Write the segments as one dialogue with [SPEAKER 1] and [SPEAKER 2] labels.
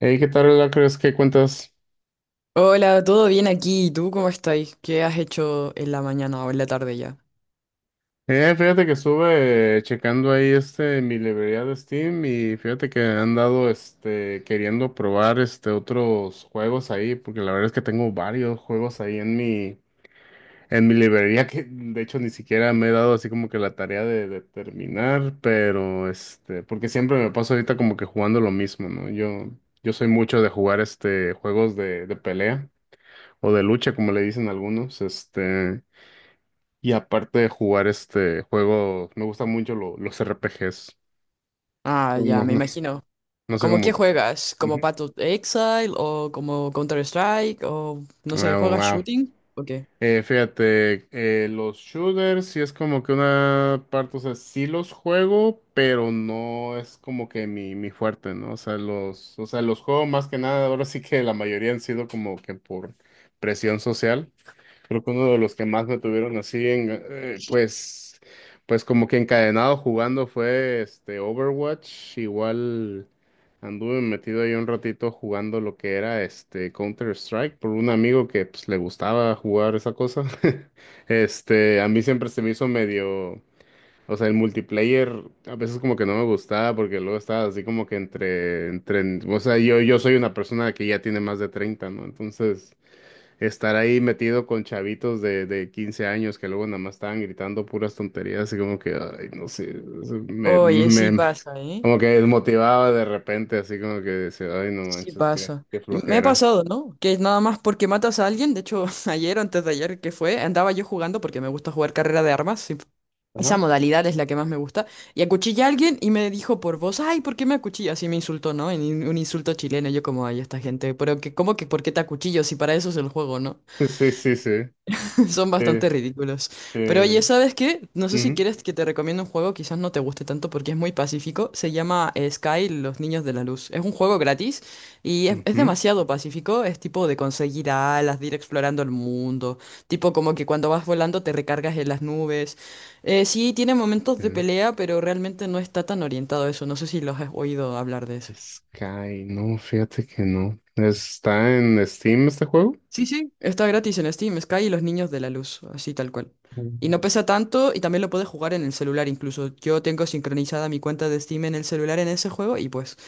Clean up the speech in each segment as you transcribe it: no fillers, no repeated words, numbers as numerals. [SPEAKER 1] Hey, ¿qué tal, Lacres? ¿Qué cuentas?
[SPEAKER 2] Hola, ¿todo bien aquí? ¿Y tú cómo estáis? ¿Qué has hecho en la mañana o en la tarde ya?
[SPEAKER 1] Fíjate que estuve checando ahí mi librería de Steam y fíjate que he andado queriendo probar otros juegos ahí, porque la verdad es que tengo varios juegos ahí en mi librería que de hecho ni siquiera me he dado así como que la tarea de terminar, pero este, porque siempre me paso ahorita como que jugando lo mismo, ¿no? Yo soy mucho de jugar este juegos de pelea o de lucha, como le dicen algunos, este. Y aparte de jugar este juego, me gustan mucho los RPGs.
[SPEAKER 2] Ah, ya,
[SPEAKER 1] No,
[SPEAKER 2] me
[SPEAKER 1] no,
[SPEAKER 2] imagino.
[SPEAKER 1] no sé
[SPEAKER 2] ¿Cómo
[SPEAKER 1] cómo
[SPEAKER 2] qué
[SPEAKER 1] que.
[SPEAKER 2] juegas? ¿Como
[SPEAKER 1] Ujú.
[SPEAKER 2] Path of Exile o como Counter-Strike o no sé,
[SPEAKER 1] Wow,
[SPEAKER 2] juegas
[SPEAKER 1] wow.
[SPEAKER 2] shooting o qué?
[SPEAKER 1] Fíjate, los shooters sí es como que una parte, o sea, sí los juego, pero no es como que mi fuerte, ¿no? O sea, los juego más que nada, ahora sí que la mayoría han sido como que por presión social. Creo que uno de los que más me tuvieron así en, pues, pues como que encadenado jugando fue este Overwatch. Igual anduve metido ahí un ratito jugando lo que era este Counter-Strike por un amigo que pues le gustaba jugar esa cosa. Este, a mí siempre se me hizo medio, o sea, el multiplayer a veces como que no me gustaba porque luego estaba así como que entre, o sea, yo soy una persona que ya tiene más de 30, ¿no? Entonces estar ahí metido con chavitos de 15 años que luego nada más estaban gritando puras tonterías, así como que, ay, no sé, eso
[SPEAKER 2] Oye, sí pasa, ¿eh?
[SPEAKER 1] como que desmotivaba de repente, así como que decía, ay, no
[SPEAKER 2] Sí
[SPEAKER 1] manches, qué,
[SPEAKER 2] pasa.
[SPEAKER 1] qué
[SPEAKER 2] Me ha
[SPEAKER 1] flojera.
[SPEAKER 2] pasado, ¿no? Que nada más porque matas a alguien, de hecho, ayer o antes de ayer que fue, andaba yo jugando porque me gusta jugar carrera de armas. Esa
[SPEAKER 1] Ajá.
[SPEAKER 2] modalidad es la que más me gusta. Y acuchillé a alguien y me dijo por voz, ay, ¿por qué me acuchillas? Así me insultó, ¿no? En un insulto chileno, yo como, ay, esta gente, pero que, ¿cómo que por qué te acuchillo si para eso es el juego, no?
[SPEAKER 1] Sí, sí, sí.
[SPEAKER 2] Son
[SPEAKER 1] Eh,
[SPEAKER 2] bastante ridículos. Pero oye,
[SPEAKER 1] eh,
[SPEAKER 2] ¿sabes qué? No sé si
[SPEAKER 1] ujú,
[SPEAKER 2] quieres que te recomiende un juego, quizás no te guste tanto porque es muy pacífico. Se llama Sky, Los Niños de la Luz. Es un juego gratis y es
[SPEAKER 1] ujú,
[SPEAKER 2] demasiado pacífico. Es tipo de conseguir alas, de ir explorando el mundo. Tipo como que cuando vas volando te recargas en las nubes. Sí, tiene momentos de
[SPEAKER 1] eh.
[SPEAKER 2] pelea, pero realmente no está tan orientado a eso. No sé si los has oído hablar de eso.
[SPEAKER 1] Sky, no, fíjate que no. ¿Está en Steam este juego?
[SPEAKER 2] Sí, sí, está gratis en Steam, Sky y los niños de la luz, así tal cual. Y no pesa tanto y también lo puedes jugar en el celular incluso. Yo tengo sincronizada mi cuenta de Steam en el celular en ese juego y pues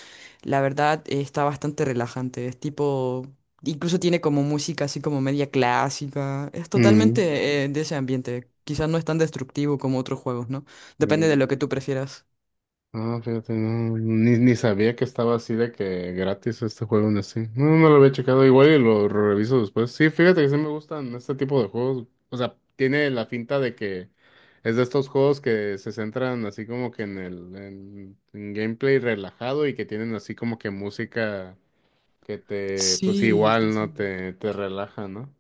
[SPEAKER 2] la verdad está bastante relajante. Es tipo, incluso tiene como música así como media clásica. Es
[SPEAKER 1] Mm.
[SPEAKER 2] totalmente de ese ambiente. Quizás no es tan destructivo como otros juegos, ¿no? Depende de
[SPEAKER 1] Ujú.
[SPEAKER 2] lo que tú prefieras.
[SPEAKER 1] Ah, fíjate, no, ni sabía que estaba así de que gratis este juego en Steam. No, no lo había checado igual y lo reviso después. Sí, fíjate que sí me gustan este tipo de juegos. O sea, tiene la finta de que es de estos juegos que se centran así como que en en gameplay relajado y que tienen así como que música que te, pues
[SPEAKER 2] Sí, sí,
[SPEAKER 1] igual, ¿no?
[SPEAKER 2] sí.
[SPEAKER 1] Te relaja, ¿no?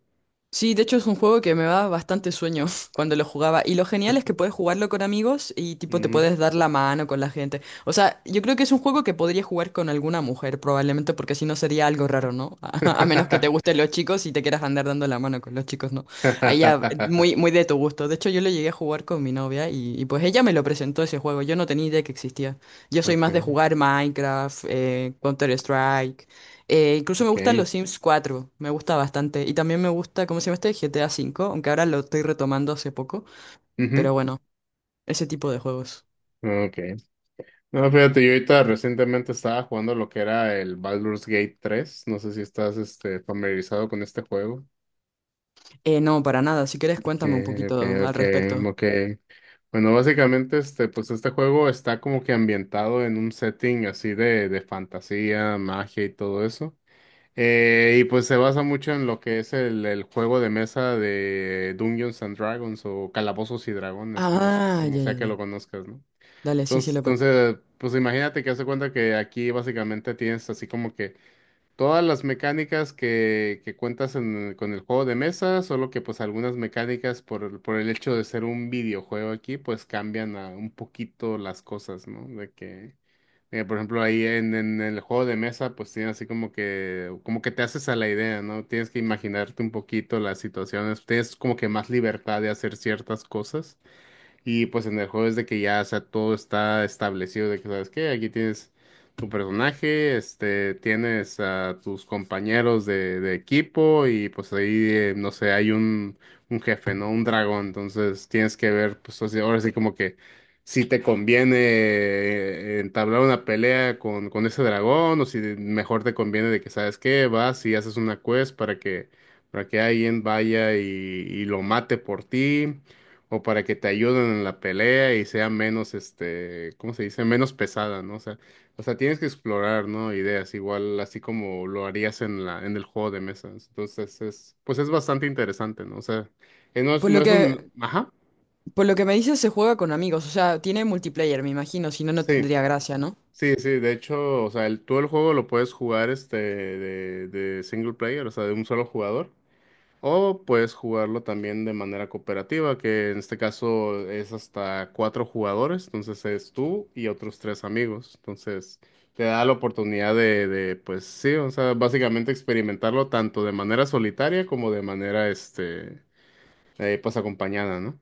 [SPEAKER 2] Sí, de hecho es un juego que me da bastante sueño cuando lo jugaba. Y lo genial es que puedes jugarlo con amigos y tipo te
[SPEAKER 1] Ujú.
[SPEAKER 2] puedes dar la mano con la gente. O sea, yo creo que es un juego que podría jugar con alguna mujer probablemente porque si no sería algo raro, ¿no? A menos que te gusten los chicos y te quieras andar dando la mano con los chicos, ¿no? Ahí ya, muy, muy de tu gusto. De hecho, yo lo llegué a jugar con mi novia y, pues ella me lo presentó ese juego. Yo no tenía idea que existía. Yo soy más de
[SPEAKER 1] Ok,
[SPEAKER 2] jugar Minecraft, Counter-Strike. Incluso me gustan
[SPEAKER 1] ok.
[SPEAKER 2] los Sims 4 me gusta bastante. Y también me gusta, ¿cómo se llama este? GTA 5 aunque ahora lo estoy retomando hace poco. Pero
[SPEAKER 1] Ujú,
[SPEAKER 2] bueno, ese tipo de juegos.
[SPEAKER 1] ok. No, fíjate, yo ahorita recientemente estaba jugando lo que era el Baldur's Gate 3. No sé si estás este, familiarizado con este juego.
[SPEAKER 2] No, para nada. Si quieres, cuéntame un
[SPEAKER 1] Que,
[SPEAKER 2] poquito
[SPEAKER 1] que,
[SPEAKER 2] al
[SPEAKER 1] que,
[SPEAKER 2] respecto.
[SPEAKER 1] como bueno, básicamente, este, pues este juego está como que ambientado en un setting así de fantasía, magia y todo eso. Y pues se basa mucho en lo que es el juego de mesa de Dungeons and Dragons o Calabozos y Dragones, como,
[SPEAKER 2] Ah,
[SPEAKER 1] como
[SPEAKER 2] ya,
[SPEAKER 1] sea
[SPEAKER 2] ya,
[SPEAKER 1] que lo
[SPEAKER 2] ya.
[SPEAKER 1] conozcas, ¿no?
[SPEAKER 2] Dale, sí, sí,
[SPEAKER 1] Entonces,
[SPEAKER 2] lo conozco.
[SPEAKER 1] entonces, pues imagínate que hace cuenta que aquí básicamente tienes así como que todas las mecánicas que cuentas con el juego de mesa, solo que pues algunas mecánicas por, por el hecho de ser un videojuego aquí, pues cambian a un poquito las cosas, ¿no? De que, por ejemplo, ahí en el juego de mesa, pues tienes así como que te haces a la idea, ¿no? Tienes que imaginarte un poquito las situaciones, tienes como que más libertad de hacer ciertas cosas. Y pues en el juego es de que ya, o sea, todo está establecido de que, ¿sabes qué? Aquí tienes tu personaje, este, tienes a tus compañeros de equipo y pues ahí, no sé, hay un jefe, ¿no? Un dragón. Entonces tienes que ver, pues ahora sí como que si te conviene entablar una pelea con ese dragón o si mejor te conviene de que, ¿sabes qué? Vas y haces una quest para que alguien vaya y lo mate por ti o para que te ayuden en la pelea y sea menos, este, ¿cómo se dice? Menos pesada, ¿no? O sea, tienes que explorar, ¿no? Ideas, igual así como lo harías en en el juego de mesas. Entonces es, pues es bastante interesante, ¿no? O sea, no es,
[SPEAKER 2] Por
[SPEAKER 1] no
[SPEAKER 2] lo
[SPEAKER 1] es
[SPEAKER 2] que,
[SPEAKER 1] un, ajá,
[SPEAKER 2] por lo que me dices, se juega con amigos. O sea, tiene multiplayer, me imagino. Si no, no
[SPEAKER 1] sí,
[SPEAKER 2] tendría gracia, ¿no?
[SPEAKER 1] sí, sí. De hecho, o sea, tú el juego lo puedes jugar, este, de single player, o sea, de un solo jugador. O puedes jugarlo también de manera cooperativa, que en este caso es hasta 4 jugadores, entonces es tú y otros 3 amigos. Entonces te da la oportunidad pues sí, o sea, básicamente experimentarlo tanto de manera solitaria como de manera, este, pues acompañada, ¿no?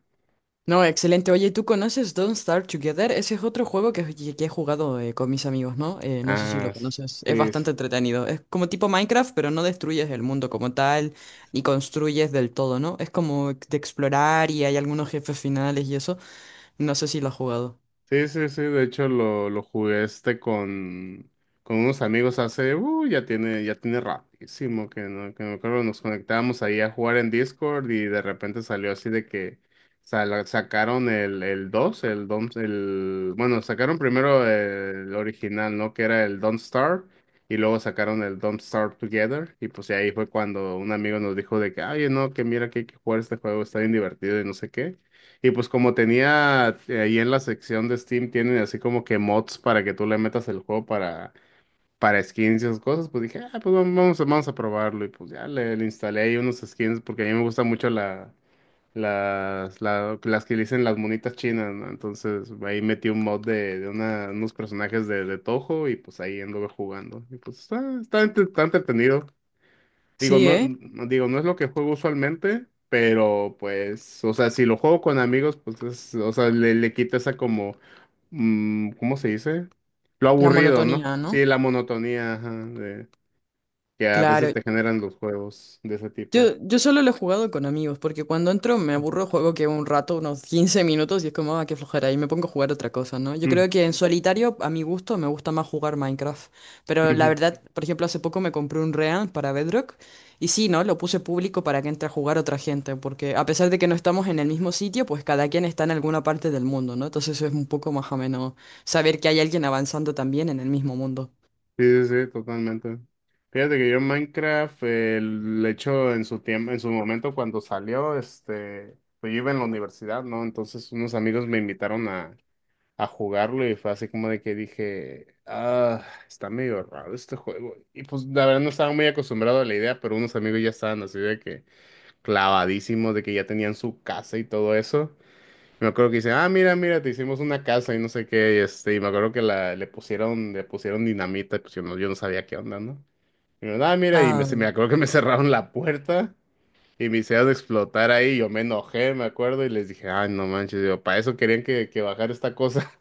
[SPEAKER 2] No, excelente. Oye, ¿tú conoces Don't Starve Together? Ese es otro juego que he jugado con mis amigos, ¿no? No sé si
[SPEAKER 1] Ah,
[SPEAKER 2] lo conoces. Es
[SPEAKER 1] sí, sí,
[SPEAKER 2] bastante entretenido. Es como tipo Minecraft, pero no destruyes el mundo como tal, ni construyes del todo, ¿no? Es como de explorar y hay algunos jefes finales y eso. No sé si lo has jugado.
[SPEAKER 1] sí, sí, sí, de hecho lo jugué este con unos amigos hace, ya tiene rapidísimo, que no, que me acuerdo, nos conectábamos ahí a jugar en Discord y de repente salió así de que sacaron el 2 el Don, el, bueno, sacaron primero el original, ¿no? Que era el Don't Starve y luego sacaron el Don't Starve Together y pues ahí fue cuando un amigo nos dijo de que, oye, no, que mira que hay que jugar este juego, está bien divertido y no sé qué. Y pues como tenía ahí en la sección de Steam, tienen así como que mods para que tú le metas el juego para skins y esas cosas, pues dije, ah, pues vamos, vamos a probarlo. Y pues ya le instalé ahí unos skins porque a mí me gusta mucho las que le dicen las monitas chinas, ¿no? Entonces ahí metí un mod de unos personajes de Toho y pues ahí anduve jugando. Y pues está, está, está entretenido. Digo,
[SPEAKER 2] Sí, ¿eh?
[SPEAKER 1] digo, no es lo que juego usualmente, pero pues, o sea, si lo juego con amigos, pues es, o sea, le quita esa como, mm, ¿cómo se dice? Lo
[SPEAKER 2] La
[SPEAKER 1] aburrido, ¿no?
[SPEAKER 2] monotonía, ¿no?
[SPEAKER 1] Sí, la monotonía, ajá, de- que a veces
[SPEAKER 2] Claro.
[SPEAKER 1] te generan los juegos de ese tipo.
[SPEAKER 2] Yo solo lo he jugado con amigos, porque cuando entro me
[SPEAKER 1] Ujú.
[SPEAKER 2] aburro, juego que un rato, unos 15 minutos, y es como, ah, qué flojera, y me pongo a jugar otra cosa, ¿no? Yo
[SPEAKER 1] Mm,
[SPEAKER 2] creo que en solitario, a mi gusto, me gusta más jugar Minecraft. Pero la
[SPEAKER 1] ujú.
[SPEAKER 2] verdad, por ejemplo, hace poco me compré un Real para Bedrock, y sí, ¿no? Lo puse público para que entre a jugar otra gente, porque a pesar de que no estamos en el mismo sitio, pues cada quien está en alguna parte del mundo, ¿no? Entonces es un poco más ameno saber que hay alguien avanzando también en el mismo mundo.
[SPEAKER 1] Sí, sí, sí, totalmente. Fíjate que yo en Minecraft, le echo en su tiempo, en su momento cuando salió, este, pues yo iba en la universidad, ¿no? Entonces unos amigos me invitaron a jugarlo y fue así como de que dije, ah, está medio raro este juego. Y pues la verdad no estaba muy acostumbrado a la idea, pero unos amigos ya estaban así de que clavadísimos, de que ya tenían su casa y todo eso. Y me acuerdo que dice, ah, mira, mira, te hicimos una casa y no sé qué, y este, y me acuerdo que la, le pusieron dinamita, pues yo no sabía qué onda, ¿no? Y me ah, mira, y me, me
[SPEAKER 2] Ah,
[SPEAKER 1] acuerdo que me cerraron la puerta. Y me hicieron explotar ahí, yo me enojé, me acuerdo, y les dije, ay, no manches, digo, para eso querían que bajara esta cosa.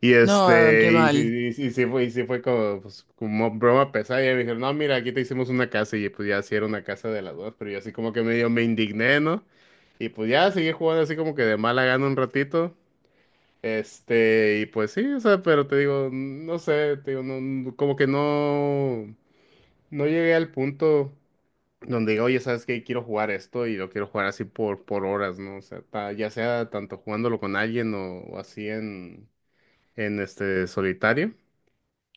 [SPEAKER 1] Y
[SPEAKER 2] no, qué
[SPEAKER 1] este, y, sí
[SPEAKER 2] mal,
[SPEAKER 1] y sí fue, y sí fue como, pues, como broma pesada. Y me dijeron, no, mira, aquí te hicimos una casa. Y pues ya sí era una casa de las dos, pero yo así como que medio me indigné, ¿no? Y pues ya seguí jugando así como que de mala gana un ratito. Este, y pues sí, o sea, pero te digo, no sé, te digo, como que no, no llegué al punto donde digo, oye, ¿sabes qué? Quiero jugar esto y lo quiero jugar así por horas, ¿no? O sea, ya sea tanto jugándolo con alguien o así en este solitario.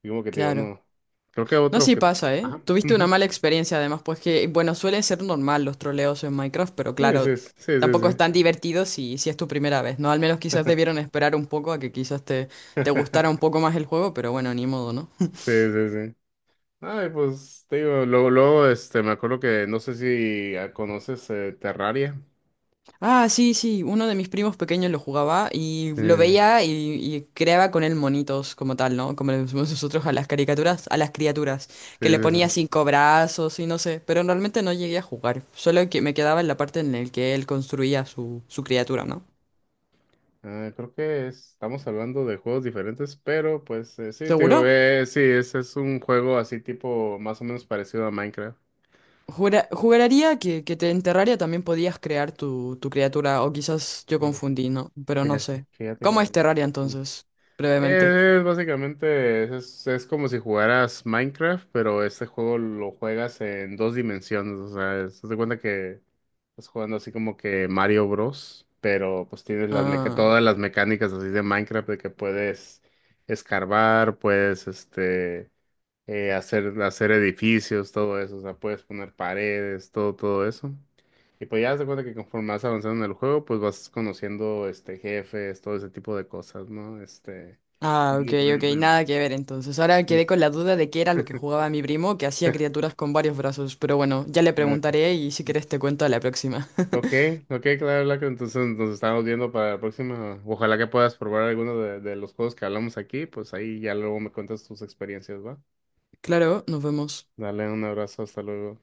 [SPEAKER 1] Y como que te digo,
[SPEAKER 2] claro.
[SPEAKER 1] no. Creo que
[SPEAKER 2] No,
[SPEAKER 1] otro
[SPEAKER 2] sí
[SPEAKER 1] que.
[SPEAKER 2] pasa, ¿eh?
[SPEAKER 1] Ajá.
[SPEAKER 2] Tuviste una
[SPEAKER 1] Ujú.
[SPEAKER 2] mala experiencia además, pues que, bueno, suele ser normal los troleos en Minecraft, pero
[SPEAKER 1] Sí, sí,
[SPEAKER 2] claro,
[SPEAKER 1] sí, sí,
[SPEAKER 2] tampoco
[SPEAKER 1] sí.
[SPEAKER 2] es tan divertido si, si es tu primera vez, ¿no? Al menos quizás debieron esperar un poco a que quizás te, te gustara un poco más el juego, pero bueno, ni modo, ¿no?
[SPEAKER 1] Sí, sí, sí, sí. Ay, pues te digo, luego, luego, este, me acuerdo que no sé si ah, conoces Terraria.
[SPEAKER 2] Ah, sí, sí, uno de mis primos pequeños lo jugaba y
[SPEAKER 1] Sí,
[SPEAKER 2] lo veía y creaba con él monitos como tal, ¿no? Como le decimos nosotros a las caricaturas, a las criaturas,
[SPEAKER 1] sí,
[SPEAKER 2] que le
[SPEAKER 1] sí,
[SPEAKER 2] ponía
[SPEAKER 1] sí.
[SPEAKER 2] 5 brazos y no sé, pero realmente no llegué a jugar, solo que me quedaba en la parte en la que él construía su criatura, ¿no?
[SPEAKER 1] Ah, creo que estamos hablando de juegos diferentes, pero pues sí, te digo,
[SPEAKER 2] ¿Seguro?
[SPEAKER 1] sí, ese es un juego así tipo más o menos parecido a Minecraft.
[SPEAKER 2] Juraría en Terraria también podías crear tu criatura, o quizás yo
[SPEAKER 1] Mira,
[SPEAKER 2] confundí, ¿no? Pero no sé.
[SPEAKER 1] Fíjate que
[SPEAKER 2] ¿Cómo
[SPEAKER 1] no.
[SPEAKER 2] es Terraria entonces? Brevemente.
[SPEAKER 1] Es, básicamente, es como si jugaras Minecraft, pero este juego lo juegas en 2 dimensiones. O sea, haz de cuenta que estás jugando así como que Mario Bros, pero pues tienes las meca
[SPEAKER 2] Ah,
[SPEAKER 1] todas las mecánicas así de Minecraft de que puedes escarbar, puedes este hacer, hacer edificios, todo eso, o sea, puedes poner paredes, todo, todo eso. Y pues ya te de cuenta que conforme vas avanzando en el juego, pues vas conociendo este jefes, todo ese tipo de cosas, ¿no? Este.
[SPEAKER 2] ah, ok,
[SPEAKER 1] Y, pues,
[SPEAKER 2] ok,
[SPEAKER 1] bueno,
[SPEAKER 2] nada que ver entonces. Ahora quedé
[SPEAKER 1] es-
[SPEAKER 2] con la duda de qué era lo que jugaba mi primo, que hacía criaturas con varios brazos, pero bueno, ya le
[SPEAKER 1] ah,
[SPEAKER 2] preguntaré y si querés te cuento a la próxima.
[SPEAKER 1] ok, ok, ok, claro, Blanca, entonces nos estamos viendo para la próxima. Ojalá que puedas probar alguno de los juegos que hablamos aquí, pues ahí ya luego me cuentas tus experiencias, ¿va?
[SPEAKER 2] Claro, nos vemos.
[SPEAKER 1] Dale un abrazo, hasta luego.